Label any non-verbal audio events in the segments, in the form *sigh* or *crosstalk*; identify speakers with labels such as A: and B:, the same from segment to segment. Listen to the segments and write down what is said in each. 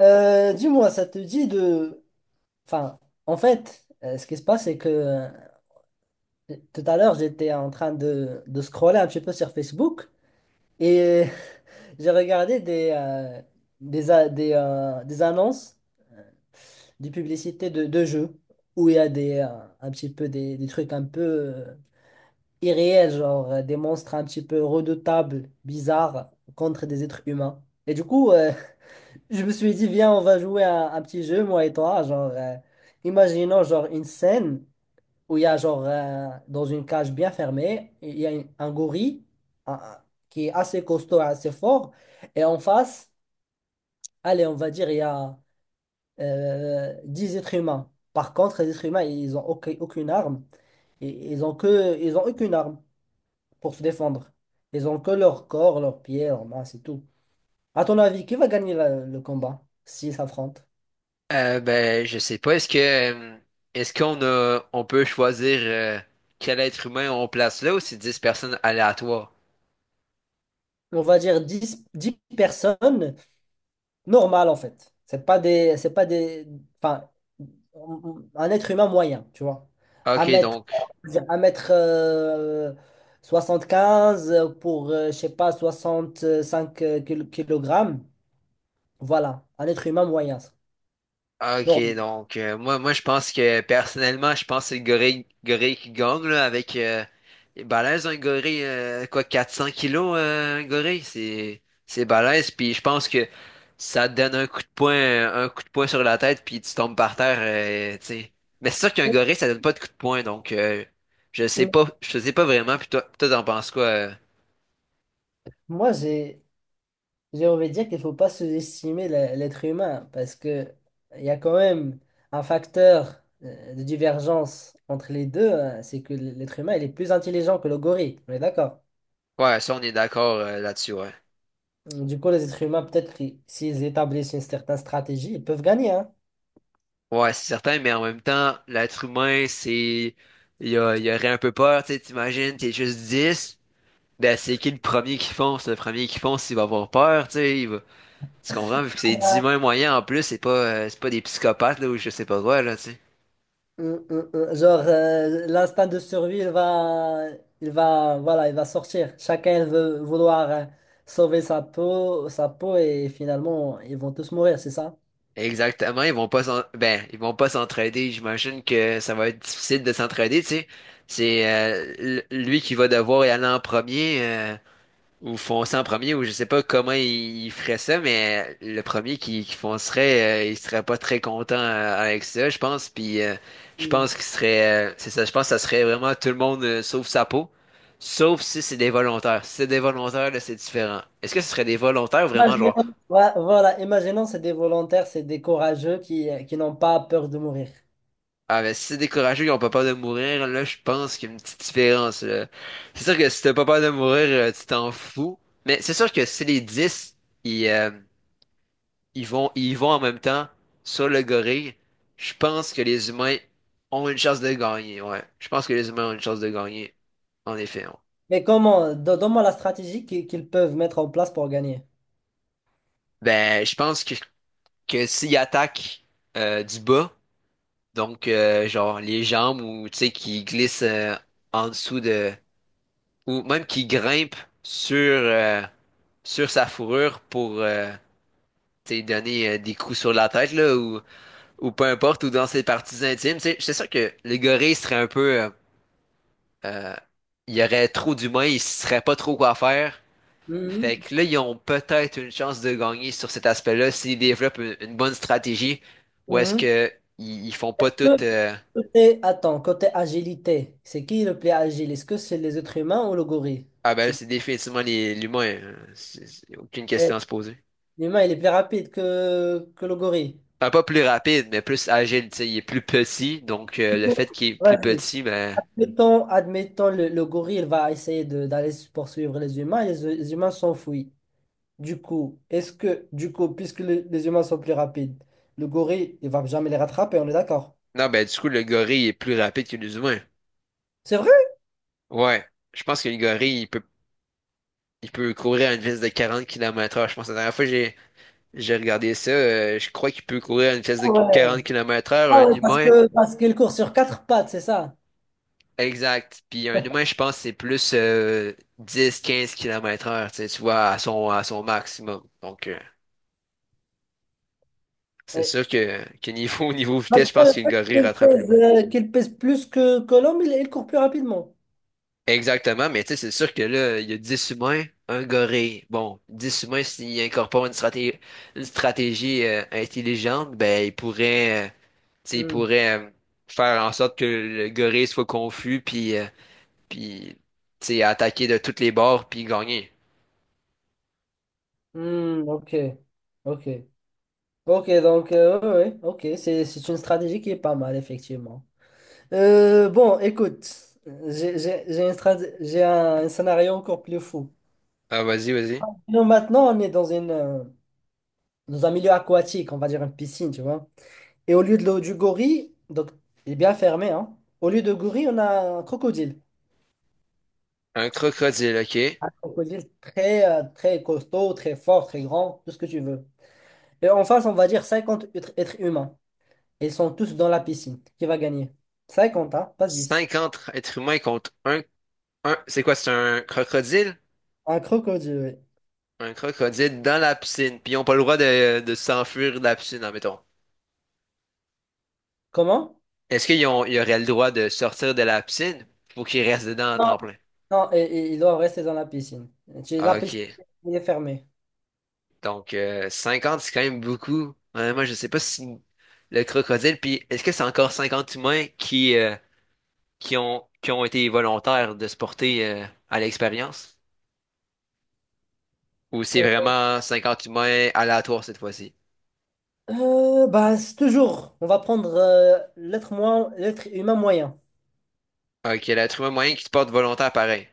A: Dis-moi, ça te dit de... Enfin, en fait, ce qui se passe, c'est que tout à l'heure, j'étais en train de scroller un petit peu sur Facebook et *laughs* j'ai regardé des annonces, des publicités de jeux où il y a un petit peu des trucs un peu irréels, genre des monstres un petit peu redoutables, bizarres, contre des êtres humains. Et du coup, je me suis dit, viens, on va jouer à un petit jeu, moi et toi. Genre, imaginons genre une scène où il y a genre dans une cage bien fermée, il y a un gorille un- un- qui est assez costaud, assez fort, et en face, allez, on va dire, il y a 10 êtres humains. Par contre, les êtres humains, ils n'ont aucune arme, et ils ont aucune arme pour se défendre. Ils ont que leur corps, leurs pieds, leurs mains, c'est tout. À ton avis, qui va gagner le combat s'ils s'affrontent?
B: Je sais pas. Est-ce qu'on a on peut choisir quel être humain on place là, ou c'est 10 personnes aléatoires?
A: On va dire dix personnes normales en fait. C'est pas des, enfin, un être humain moyen, tu vois. À
B: Ok,
A: mettre,
B: donc.
A: à mettre quinze pour, je sais pas, 65 kg. Voilà, un être humain moyen.
B: Ah, Ok,
A: Normal.
B: donc euh, moi, moi je pense que personnellement, je pense que c'est le gorille, gorille qui gagne là, avec il est balèze un gorille, quoi, 400 kilos , un gorille, c'est balèze. Puis je pense que ça te donne un coup de poing, un coup de poing sur la tête, puis tu tombes par terre, tu sais. Mais c'est sûr qu'un gorille, ça donne pas de coup de poing, donc. Je sais pas, je sais pas vraiment. Puis toi, t'en penses quoi?
A: Moi, j'ai envie de dire qu'il ne faut pas sous-estimer l'être humain parce que il y a quand même un facteur de divergence entre les deux, hein, c'est que l'être humain il est plus intelligent que le gorille, on est d'accord?
B: Ouais, ça on est d'accord là-dessus, ouais.
A: Du coup, les êtres humains, peut-être, s'ils établissent une certaine stratégie, ils peuvent gagner, hein.
B: Ouais, c'est certain, mais en même temps, l'être humain, c'est. il y aurait un peu peur, tu sais, t'imagines, t'es juste dix, ben c'est qui le premier qui fonce? Le premier qui fonce, il va avoir peur, tu sais, il va... Tu comprends? Vu que c'est 10 humains moyens en plus, c'est pas des psychopathes, là, ou je sais pas quoi, là, tu sais.
A: Mm, mm, mm. Genre, l'instinct de survie, il va, voilà, il va sortir. Chacun il veut vouloir sauver sa peau, et finalement, ils vont tous mourir, c'est ça?
B: Exactement, ils vont pas s'en... ben, ils vont pas s'entraider, j'imagine que ça va être difficile de s'entraider, tu sais. C'est lui qui va devoir y aller en premier, ou foncer en premier, ou je sais pas comment ils feraient ça, mais le premier qui foncerait, il serait pas très content avec ça, je pense. Puis je
A: Mm.
B: pense qu'il serait, c'est ça, je pense que ça serait vraiment tout le monde sauf sa peau, sauf si c'est des volontaires. Si c'est des volontaires, là, c'est différent. Est-ce que ce serait des volontaires ou vraiment genre,
A: Ouais, voilà, imaginons c'est des volontaires, c'est des courageux qui n'ont pas peur de mourir.
B: ah ben si c'est des courageux, ils ont pas peur de mourir, là, je pense qu'il y a une petite différence. Là. C'est sûr que si t'as pas peur de mourir, tu t'en fous. Mais c'est sûr que si les 10 ils, euh, ils vont, ils vont en même temps sur le gorille. Je pense que les humains ont une chance de gagner, ouais. Je pense que les humains ont une chance de gagner, en effet, ouais.
A: Mais comment, donne-moi la stratégie qu'ils peuvent mettre en place pour gagner.
B: Ben, que s'ils attaquent du bas, donc genre les jambes, ou tu sais qui glissent en dessous, de ou même qui grimpent sur euh, sur sa fourrure pour, tu sais, donner des coups sur la tête là, ou peu importe, ou dans ses parties intimes, tu sais, c'est sûr que le gorille serait un peu Euh, il y aurait trop d'humains, ils ne sauraient pas trop quoi faire. Fait
A: Mhm.
B: que là, ils ont peut-être une chance de gagner sur cet aspect-là s'ils développent une bonne stratégie, ou est-ce
A: Mhm.
B: que ils font pas tout
A: Que- attends, côté agilité, c'est qui le plus agile? Est-ce que c'est les êtres humains ou le gorille?
B: ah ben là,
A: C'est-
B: c'est définitivement l'humain, hein. C'est aucune
A: Euh,
B: question à se poser.
A: L'humain, il est plus rapide que le gorille.
B: Enfin, pas plus rapide, mais plus agile, tu sais, il est plus petit, donc
A: Du
B: le
A: coup,
B: fait qu'il est plus
A: vas-y.
B: petit, ben.
A: Admettons, le gorille, il va essayer d'aller poursuivre les humains et les humains s'enfuient. Du coup, puisque les humains sont plus rapides, le gorille, il va jamais les rattraper, on est d'accord?
B: Non, ben du coup, le gorille est plus rapide que les humains.
A: C'est vrai?
B: Ouais. Je pense que le gorille, il peut courir à une vitesse de 40 kilomètres heure. Je pense que la dernière fois, J'ai regardé ça, je crois qu'il peut courir à une vitesse de
A: Ah ouais,
B: 40 kilomètres heure,
A: Ah
B: un
A: ouais, parce
B: humain,
A: que parce qu'il court sur quatre pattes, c'est ça.
B: exact. Puis un humain, je pense, c'est plus 10-15 km heure, tu sais, tu vois, à son maximum. Donc, c'est
A: Ouais.
B: sûr que niveau, *laughs* niveau vitesse,
A: Malgré
B: je
A: le
B: pense qu'une
A: fait
B: gorille
A: qu'il
B: rattrape
A: pèse,
B: l'humain.
A: euh, qu'il pèse plus que l'homme, il court plus rapidement.
B: Exactement, mais tu sais, c'est sûr que là, il y a 10 humains, un gorille. Bon, 10 humains, s'ils incorporent une stratégie intelligente, ben, ils pourraient, tu sais, ils
A: Hmm.
B: pourraient faire en sorte que le gorille soit confus, puis tu sais, attaquer de toutes les bords, puis gagner.
A: Hmm, ok, ok, ok, donc, ouais, ouais, ouais. Ok, c'est une stratégie qui est pas mal, effectivement. Bon, écoute, j'ai un scénario encore plus fou.
B: Ah, vas-y, vas-y.
A: Donc, maintenant, on est dans un milieu aquatique, on va dire une piscine, tu vois. Et au lieu de l'eau du gorille, donc il est bien fermé, hein. Au lieu de gorille, on a un crocodile.
B: Un crocodile, ok.
A: Crocodile très costaud, très fort, très grand, tout ce que tu veux. Et en face, on va dire cinquante êtres humains. Et ils sont tous dans la piscine. Qui va gagner? Cinquante, hein, pas dix.
B: Cinquante êtres humains contre un, c'est quoi, c'est un crocodile?
A: Un crocodile, oui.
B: Un crocodile dans la piscine, puis ils ont pas le droit de s'enfuir de la piscine, admettons.
A: Comment?
B: Est-ce qu'ils ont, ils auraient le droit de sortir de la piscine? Faut qu'ils restent dedans à temps
A: Non.
B: plein.
A: Non, et ils doivent rester dans la piscine. La
B: Ah,
A: piscine,
B: ok.
A: elle est fermée.
B: Donc, 50, c'est quand même beaucoup. Moi, je sais pas si le crocodile, puis est-ce que c'est encore 50 humains qui ont été volontaires de se porter à l'expérience? Ou c'est
A: Euh,
B: vraiment 50 humains aléatoires cette fois-ci?
A: bah, c'est toujours, on va prendre l'être humain moyen.
B: Ok, l'être humain moyen qui se porte volontaire pareil.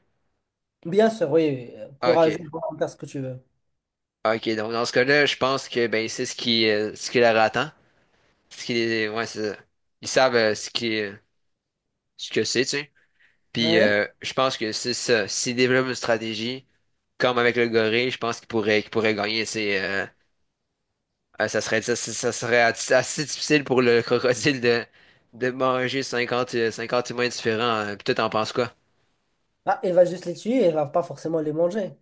A: Bien sûr, oui, oui. Courageux
B: Ok.
A: pour faire ce que tu veux.
B: Ok, donc dans ce cas-là, je pense que ben c'est ce qui leur attend. Ouais, c'est ça. Ils savent ce qui ce que c'est, tu sais. Puis
A: Ouais.
B: euh, je pense que c'est ça. S'ils développent une stratégie, comme avec le gorille, je pense qu'ils pourraient gagner, tu sais, ah, ça serait, ça serait assez difficile pour le *laughs* crocodile de manger 50 50 humains différents, hein. Puis toi, t'en penses quoi?
A: Ah, il va juste les tuer, il va pas forcément les manger.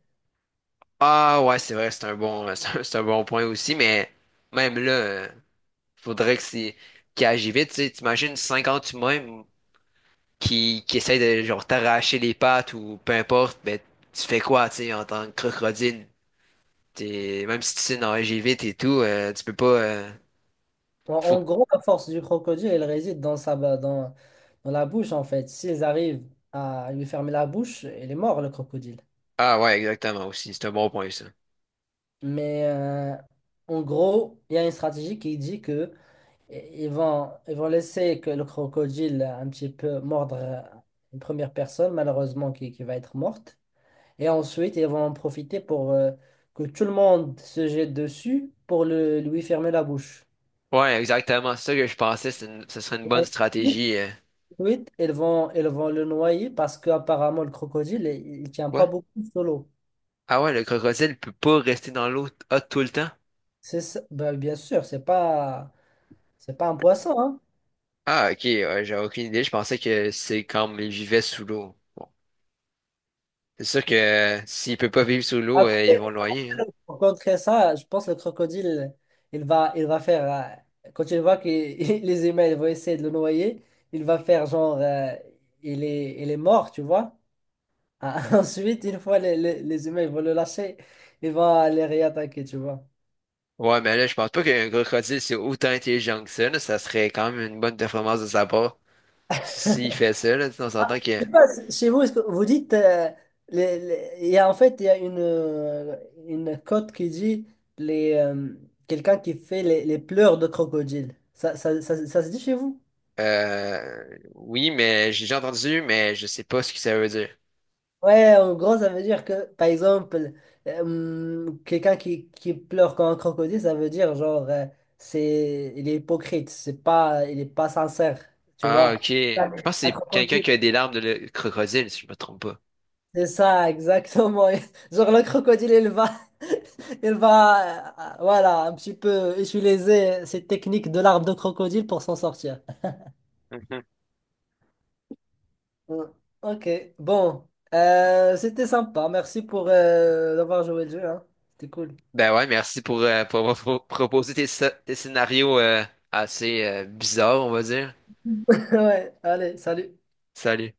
B: Ah ouais, c'est vrai, c'est un bon, *laughs* c'est un bon point aussi, mais même là, faudrait que c'est qu'il agit vite. Tu sais, t'imagines 50 humains qui essaient de genre t'arracher les pattes ou peu importe, ben tu fais quoi, tu sais, en tant que crocodile? T'es, même si tu sais nager vite et tout, tu peux pas.
A: En, en
B: faut...
A: gros, la force du crocodile, elle réside dans sa, ba- dans, dans la bouche, en fait. S'ils arrivent à lui fermer la bouche, il est mort, le crocodile.
B: Ah ouais, exactement aussi, c'est un bon point ça.
A: Mais en gros, il y a une stratégie qui dit que ils vont laisser que le crocodile un petit peu mordre une première personne, malheureusement, qui va être morte. Et ensuite, ils vont en profiter pour que tout le monde se jette dessus pour lui fermer la bouche.
B: Ouais, exactement. C'est ça que je pensais. Ce serait une bonne stratégie.
A: Ensuite, ils vont le noyer parce qu'apparemment, le crocodile, il tient pas
B: Quoi?
A: beaucoup sous l'eau.
B: Ah ouais, le crocodile peut pas rester dans l'eau t- hot tout le temps?
A: Ben, bien sûr, c'est pas un poisson, hein.
B: Ah, ok. Ouais, j'avais aucune idée. Je pensais que c'est comme il vivait sous l'eau. Bon. C'est sûr que s'il peut pas vivre sous l'eau, ils
A: Après,
B: vont le noyer, hein.
A: pour contrer ça, je pense que le crocodile, il va, il va faire, quand il voit que *laughs* les humains ils vont essayer de le noyer, il va faire genre, il est mort, tu vois. Ah, *laughs* ensuite, une fois les humains ils vont le lâcher, il va les réattaquer, tu vois.
B: Ouais, mais là, je pense pas qu'un crocodile, c'est autant intelligent que ça. Là. Ça serait quand même une bonne performance de sa part. Si, S'il fait ça, là, on s'entend que...
A: Je sais pas, chez vous, est-ce que vous dites, en fait, il y a une cote qui dit les, euh, quelqu'un qui fait les pleurs de crocodile. Ça se dit chez vous?
B: Oui, mais j'ai déjà entendu, mais je sais pas ce que ça veut dire.
A: Ouais, en gros, ça veut dire que, par exemple, quelqu'un qui pleure comme un crocodile, ça veut dire, genre, il est hypocrite, c'est pas, il est pas sincère, tu
B: Ah,
A: vois.
B: ok. Je pense que
A: Un
B: c'est quelqu'un
A: crocodile.
B: qui a des larmes de crocodile, si je me trompe pas.
A: C'est ça, exactement. *laughs* Genre le crocodile, il va, *laughs* il va, voilà, un petit peu utiliser cette technique de l'arbre de crocodile pour s'en sortir.
B: Mhm.
A: Mm. Ok, bon, c'était sympa. Merci pour d'avoir joué le jeu, hein. C'était cool.
B: Ben ouais, merci pour avoir proposé tes, tes scénarios assez bizarres, on va dire.
A: *laughs* Ouais, allez, salut.
B: Salut.